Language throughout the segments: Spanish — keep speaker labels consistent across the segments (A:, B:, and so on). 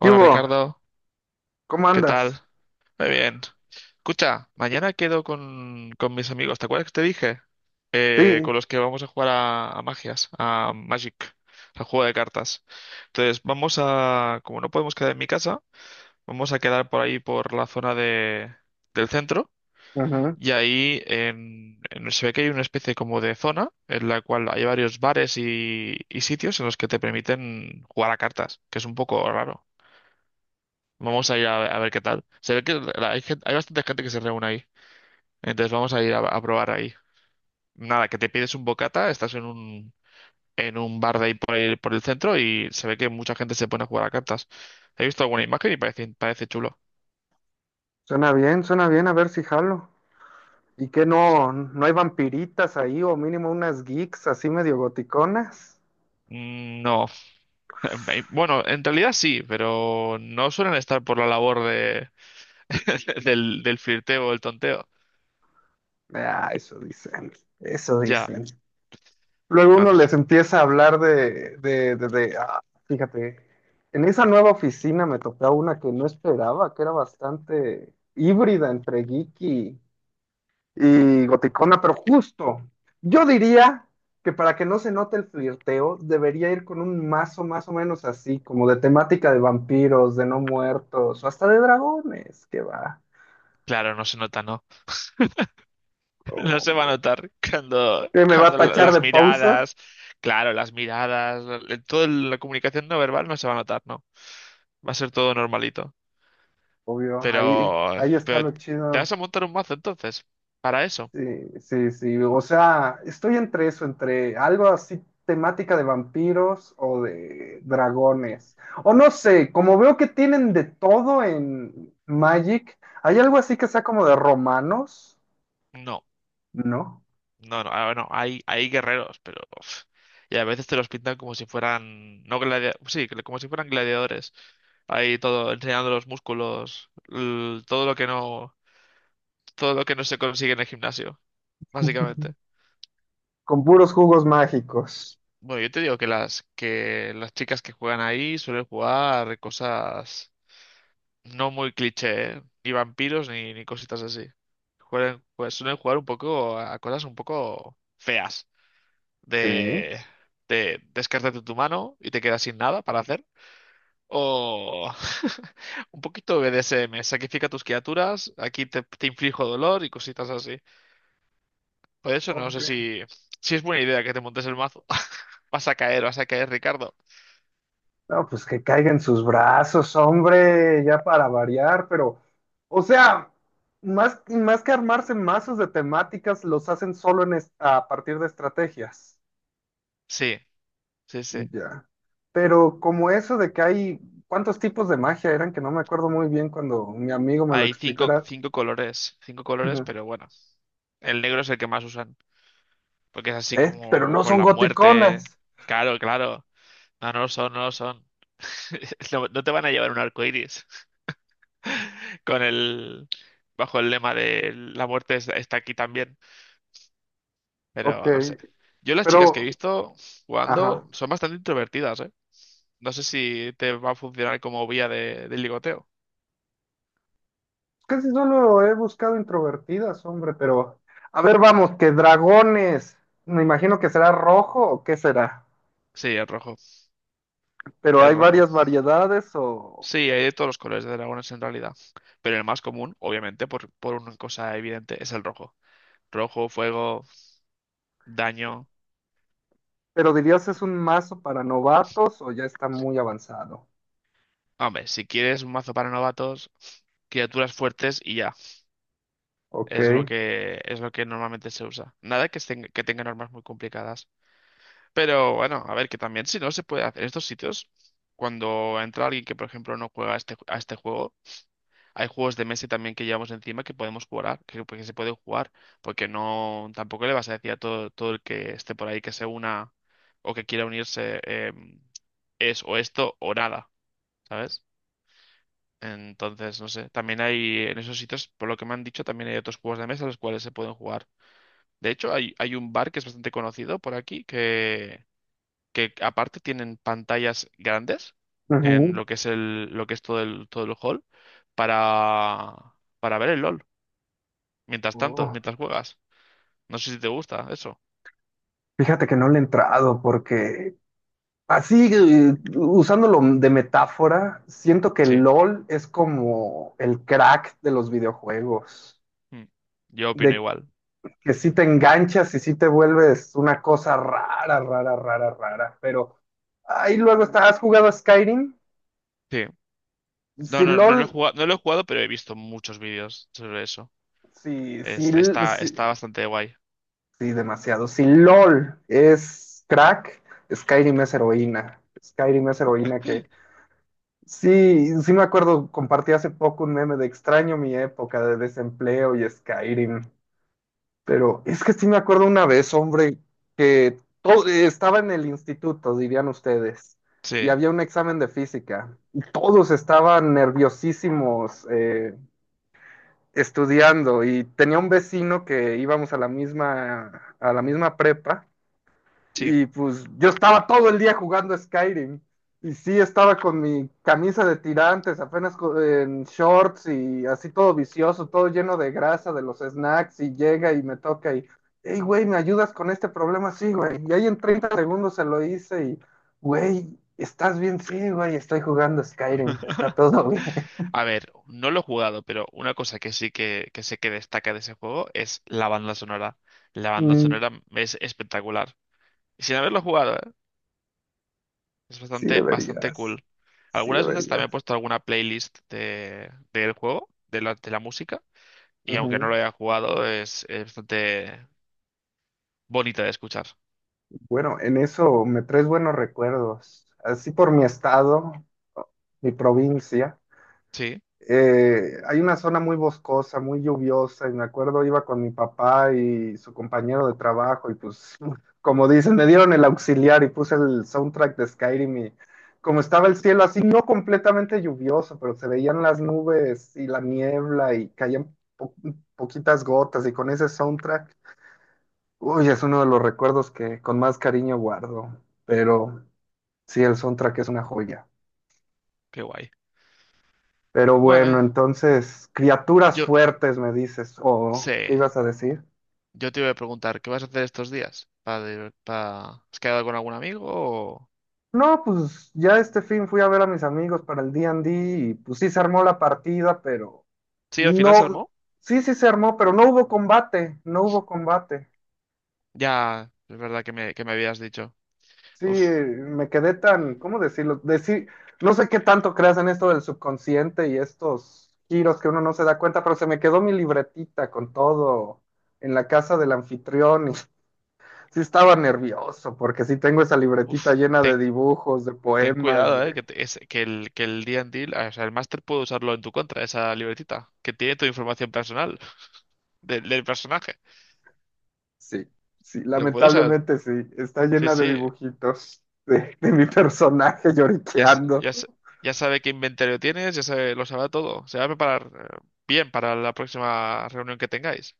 A: ¿Qué hubo?
B: Ricardo,
A: ¿Cómo
B: ¿qué
A: andas?
B: tal? Muy bien. Escucha, mañana quedo con mis amigos, ¿te acuerdas que te dije?
A: Sí,
B: Con los que vamos a jugar a Magic, al juego de cartas. Entonces, como no podemos quedar en mi casa, vamos a quedar por ahí, por la del centro,
A: ajá.
B: y ahí se ve que hay una especie como de zona en la cual hay varios bares y sitios en los que te permiten jugar a cartas, que es un poco raro. Vamos a ir a ver qué tal. Se ve que hay bastante gente que se reúne ahí. Entonces vamos a ir a probar ahí. Nada, que te pides un bocata, en un bar de ahí por el centro y se ve que mucha gente se pone a jugar a cartas. He visto alguna imagen y parece chulo.
A: Suena bien, a ver si jalo. ¿Y qué no, no hay vampiritas ahí o mínimo unas geeks así medio goticonas?
B: No. Bueno, en realidad sí, pero no suelen estar por la labor del flirteo o el tonteo.
A: Ah, eso dicen, eso
B: Ya.
A: dicen. Luego
B: Ah,
A: uno
B: no sé.
A: les empieza a hablar fíjate, en esa nueva oficina me tocó una que no esperaba, que era bastante híbrida entre geek y goticona, pero justo. Yo diría que para que no se note el flirteo, debería ir con un mazo más o menos así, como de temática de vampiros, de no muertos, o hasta de dragones, que va.
B: Claro, no se nota, ¿no? No se va a
A: Hombre.
B: notar
A: ¿Qué me va a
B: cuando
A: tachar
B: las
A: de pausa?
B: miradas, claro, las miradas, toda la comunicación no verbal no se va a notar, ¿no? Va a ser todo normalito.
A: Obvio, ahí,
B: Pero,
A: ahí está
B: pero
A: lo
B: ¿te vas
A: chido.
B: a montar un mazo entonces? ¿Para eso?
A: Sí, sí, sí. O sea, estoy entre eso, entre algo así temática de vampiros o de dragones. O no sé, como veo que tienen de todo en Magic, ¿hay algo así que sea como de romanos?
B: No,
A: ¿No?
B: no, no. ah, Bueno, hay guerreros, pero uf, y a veces te los pintan como si fueran No gladiadores, sí, como si fueran gladiadores. Ahí todo, enseñando los músculos, todo lo que no se consigue en el gimnasio, básicamente.
A: Con puros jugos mágicos.
B: Bueno, yo te digo que que las chicas que juegan ahí suelen jugar cosas no muy cliché, ¿eh? Ni vampiros ni cositas así. Pues suelen jugar un poco a cosas un poco feas.
A: Sí.
B: De, de descártate tu mano y te quedas sin nada para hacer. O un poquito BDSM, sacrifica tus criaturas, te inflijo dolor y cositas así. Por eso no
A: Ok.
B: sé si es buena idea que te montes el mazo. Vas a caer, Ricardo.
A: No, pues que caiga en sus brazos, hombre, ya para variar, pero, o sea, más, más que armarse mazos de temáticas, los hacen solo en es- a partir de estrategias.
B: Sí. Sí, sí.
A: Ya. Pero como eso de que hay, ¿cuántos tipos de magia eran? Que no me acuerdo muy bien cuando mi amigo me lo
B: Hay
A: explicará.
B: cinco
A: Ujú.
B: colores, pero bueno, el negro es el que más usan, porque es así
A: ¿Eh? Pero
B: como
A: no
B: con
A: son
B: la
A: goticonas.
B: muerte. Claro, claro. No, no lo son, no lo son. No, no te van a llevar un arco iris con el, bajo el lema de está aquí también,
A: Ok,
B: pero no sé. Yo las chicas que he
A: pero,
B: visto jugando
A: ajá.
B: son bastante introvertidas, ¿eh? No sé si te va a funcionar como vía de ligoteo.
A: Casi solo he buscado introvertidas, hombre, pero... A ver, vamos, que dragones. Me imagino que será rojo o qué será.
B: Sí,
A: Pero
B: es
A: hay
B: rojo.
A: varias variedades o...
B: Sí, hay de todos los colores de dragones en realidad. Pero el más común, obviamente, por una cosa evidente, es el rojo. Rojo, fuego, daño.
A: Pero dirías es un mazo para novatos o ya está muy avanzado.
B: Hombre, si quieres un mazo para novatos, criaturas fuertes y ya.
A: Ok.
B: Es lo que normalmente se usa. Nada que tengan armas muy complicadas. Pero bueno, a ver, que también si no se puede hacer en estos sitios, cuando entra alguien que, por ejemplo, no juega a a este juego. Hay juegos de mesa también que llevamos encima que podemos jugar, que, pues, que se pueden jugar, porque no, tampoco le vas a decir a todo el que esté por ahí que se una o que quiera unirse, es o esto o nada, ¿sabes? Entonces, no sé, también hay en esos sitios, por lo que me han dicho, también hay otros juegos de mesa los cuales se pueden jugar. De hecho, hay un bar que es bastante conocido por aquí, que aparte tienen pantallas grandes en
A: Ujú.
B: lo que es todo todo el hall para, para ver el LOL. Mientras tanto,
A: Oh.
B: mientras juegas. No sé si te gusta eso.
A: Fíjate que no le he entrado porque así, usándolo de metáfora, siento que
B: Sí.
A: LOL es como el crack de los videojuegos,
B: Mm. Yo opino
A: de
B: igual.
A: que sí te enganchas y sí te vuelves una cosa rara, pero ahí luego está, ¿has jugado a Skyrim?
B: Sí. No,
A: Si
B: no, no lo he
A: LOL,
B: jugado, no lo he jugado, pero he visto muchos vídeos sobre eso.
A: si, si,
B: Está, está
A: si,
B: bastante guay.
A: sí, demasiado, si LOL es crack, Skyrim es heroína, Skyrim es heroína. Sí, sí me acuerdo, compartí hace poco un meme de extraño mi época de desempleo y Skyrim, pero es que sí me acuerdo una vez, hombre, que todo, estaba en el instituto, dirían ustedes, y
B: Sí,
A: había un examen de física, y todos estaban nerviosísimos estudiando, y tenía un vecino que íbamos a la misma prepa,
B: sí.
A: y pues yo estaba todo el día jugando Skyrim. Y sí, estaba con mi camisa de tirantes, apenas co- en shorts y así todo vicioso, todo lleno de grasa de los snacks. Y llega y me toca y, hey, güey, ¿me ayudas con este problema? Sí, güey. Y ahí en 30 segundos se lo hice y, güey, ¿estás bien? Sí, güey, estoy jugando Skyrim, está todo bien.
B: A ver, no lo he jugado, pero una cosa que que sé que destaca de ese juego es la banda sonora. La banda
A: Mm.
B: sonora es espectacular. Sin haberlo jugado, ¿eh? Es
A: Sí
B: bastante, bastante
A: deberías,
B: cool.
A: sí
B: Algunas veces también he
A: deberías.
B: puesto alguna del juego, de la música. Y aunque no
A: Ujú.
B: lo haya jugado, es bastante bonita de escuchar.
A: Bueno, en eso me traes buenos recuerdos. Así por mi estado, mi provincia,
B: Sí,
A: hay una zona muy boscosa, muy lluviosa, y me acuerdo iba con mi papá y su compañero de trabajo, y pues, como dicen, me dieron el auxiliar y puse el soundtrack de Skyrim y como estaba el cielo así, no completamente lluvioso, pero se veían las nubes y la niebla y caían po- poquitas gotas y con ese soundtrack. Uy, es uno de los recuerdos que con más cariño guardo, pero sí, el soundtrack es una joya.
B: qué guay.
A: Pero
B: Bueno,
A: bueno, entonces, criaturas
B: yo
A: fuertes, me dices, o ¿qué
B: sé,
A: ibas a decir?
B: yo te iba a preguntar, ¿qué vas a hacer estos días? ¿Has quedado con algún amigo? O
A: No, pues ya este fin fui a ver a mis amigos para el D&D y pues sí se armó la partida, pero
B: sí, al final se
A: no,
B: armó.
A: sí, sí se armó, pero no hubo combate, no hubo combate.
B: Ya, es verdad que que me habías dicho.
A: Sí,
B: Uf,
A: me quedé tan, ¿cómo decirlo? Deci- no sé qué tanto creas en esto del subconsciente y estos giros que uno no se da cuenta, pero se me quedó mi libretita con todo en la casa del anfitrión y sí estaba nervioso porque sí tengo esa libretita
B: uf,
A: llena de
B: ten,
A: dibujos, de
B: ten
A: poemas,
B: cuidado,
A: de...
B: que el D&D, o sea, el máster puede usarlo en tu contra, esa libretita, que tiene tu información personal del personaje.
A: Sí, sí,
B: Lo puede usar.
A: lamentablemente sí, está
B: Sí,
A: llena de
B: sí.
A: dibujitos de mi personaje
B: Ya, s-
A: lloriqueando.
B: ya, s- ya sabe qué inventario tienes, ya sabe, lo sabrá todo. Se va a preparar bien para la próxima reunión que tengáis.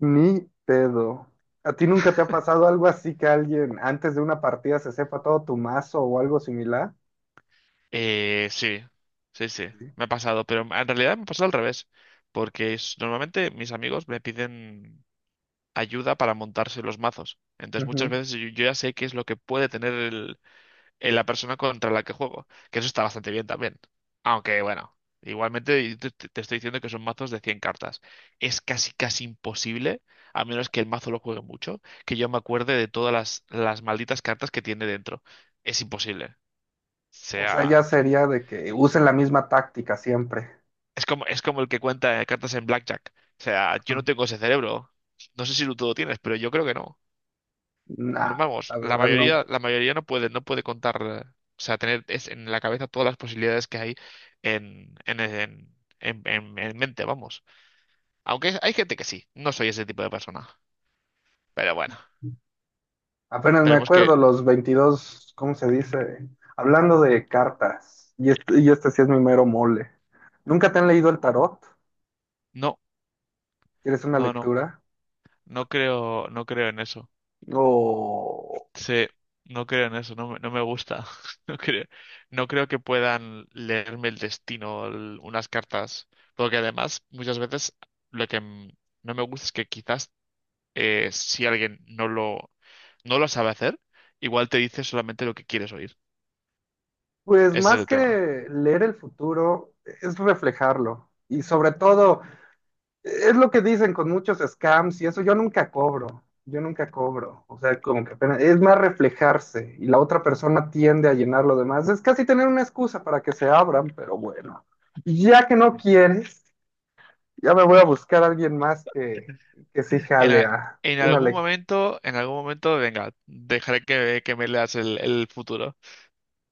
A: Ni pedo. ¿A ti nunca te ha pasado algo así que alguien antes de una partida se sepa todo tu mazo o algo similar?
B: Eh, sí, sí,
A: Sí.
B: me ha pasado, pero en realidad me ha pasado al revés, normalmente mis amigos me piden ayuda para montarse los mazos. Entonces muchas
A: Ujú.
B: veces yo ya sé qué es lo que puede tener en la persona contra la que juego, que eso está bastante bien también. Aunque bueno, igualmente yo te estoy diciendo que son mazos de 100 cartas. Es casi casi imposible, a menos que el mazo lo juegue mucho, que yo me acuerde de todas las malditas cartas que tiene dentro. Es imposible.
A: O sea,
B: Sea,
A: ya
B: t-
A: sería de que usen la misma táctica siempre.
B: es como, es como el que cuenta cartas en Blackjack. O sea, yo
A: Ajá.
B: no tengo ese cerebro. No sé si tú lo tienes, pero yo creo que no. No,
A: Nah,
B: vamos,
A: la verdad no.
B: la mayoría no puede, no puede contar, o sea, en la cabeza todas las posibilidades que hay en, en, en, en mente, vamos. Hay gente que sí, no soy ese tipo de persona. Pero bueno,
A: Apenas me
B: esperemos
A: acuerdo
B: que
A: los 22, ¿cómo se dice? Hablando de cartas. Y este sí es mi mero mole. ¿Nunca te han leído el tarot?
B: No,
A: ¿Quieres una
B: no, no,
A: lectura?
B: no creo, no creo en eso.
A: No.
B: Sí, no creo en eso, no me gusta. No creo, no creo que puedan leerme el destino, unas cartas. Porque además, muchas veces, lo que mm, no me gusta es que quizás si alguien no lo, no lo sabe hacer, igual te dice solamente lo que quieres oír.
A: Pues
B: Ese es
A: más
B: el tema.
A: que leer el futuro, es reflejarlo. Y sobre todo, es lo que dicen con muchos scams y eso, yo nunca cobro, yo nunca cobro. O sea, como que apenas- es más reflejarse y la otra persona tiende a llenar lo demás. Es casi tener una excusa para que se abran, pero bueno, ya que no quieres, ya me voy a buscar a alguien más que sí
B: En,
A: jale
B: a-
A: a
B: en
A: una
B: algún
A: lectura.
B: momento, en algún momento, venga, dejaré que me leas el futuro.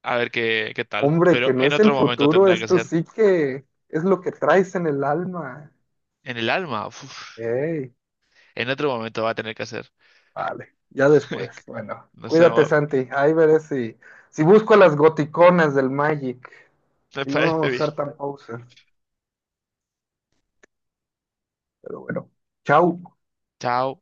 B: A ver qué tal.
A: Hombre,
B: Pero
A: que no
B: en
A: es el
B: otro momento
A: futuro,
B: tendrá que
A: esto
B: ser.
A: sí que es lo que traes en el alma.
B: En el alma, uf,
A: Ey.
B: en otro momento va a tener que ser.
A: Vale, ya después. Bueno,
B: No sé,
A: cuídate,
B: amor.
A: Santi. Ahí veré si, si busco a las goticonas del Magic
B: Me
A: y no
B: parece bien.
A: ser tan poser. Pero bueno, chao.
B: Chao.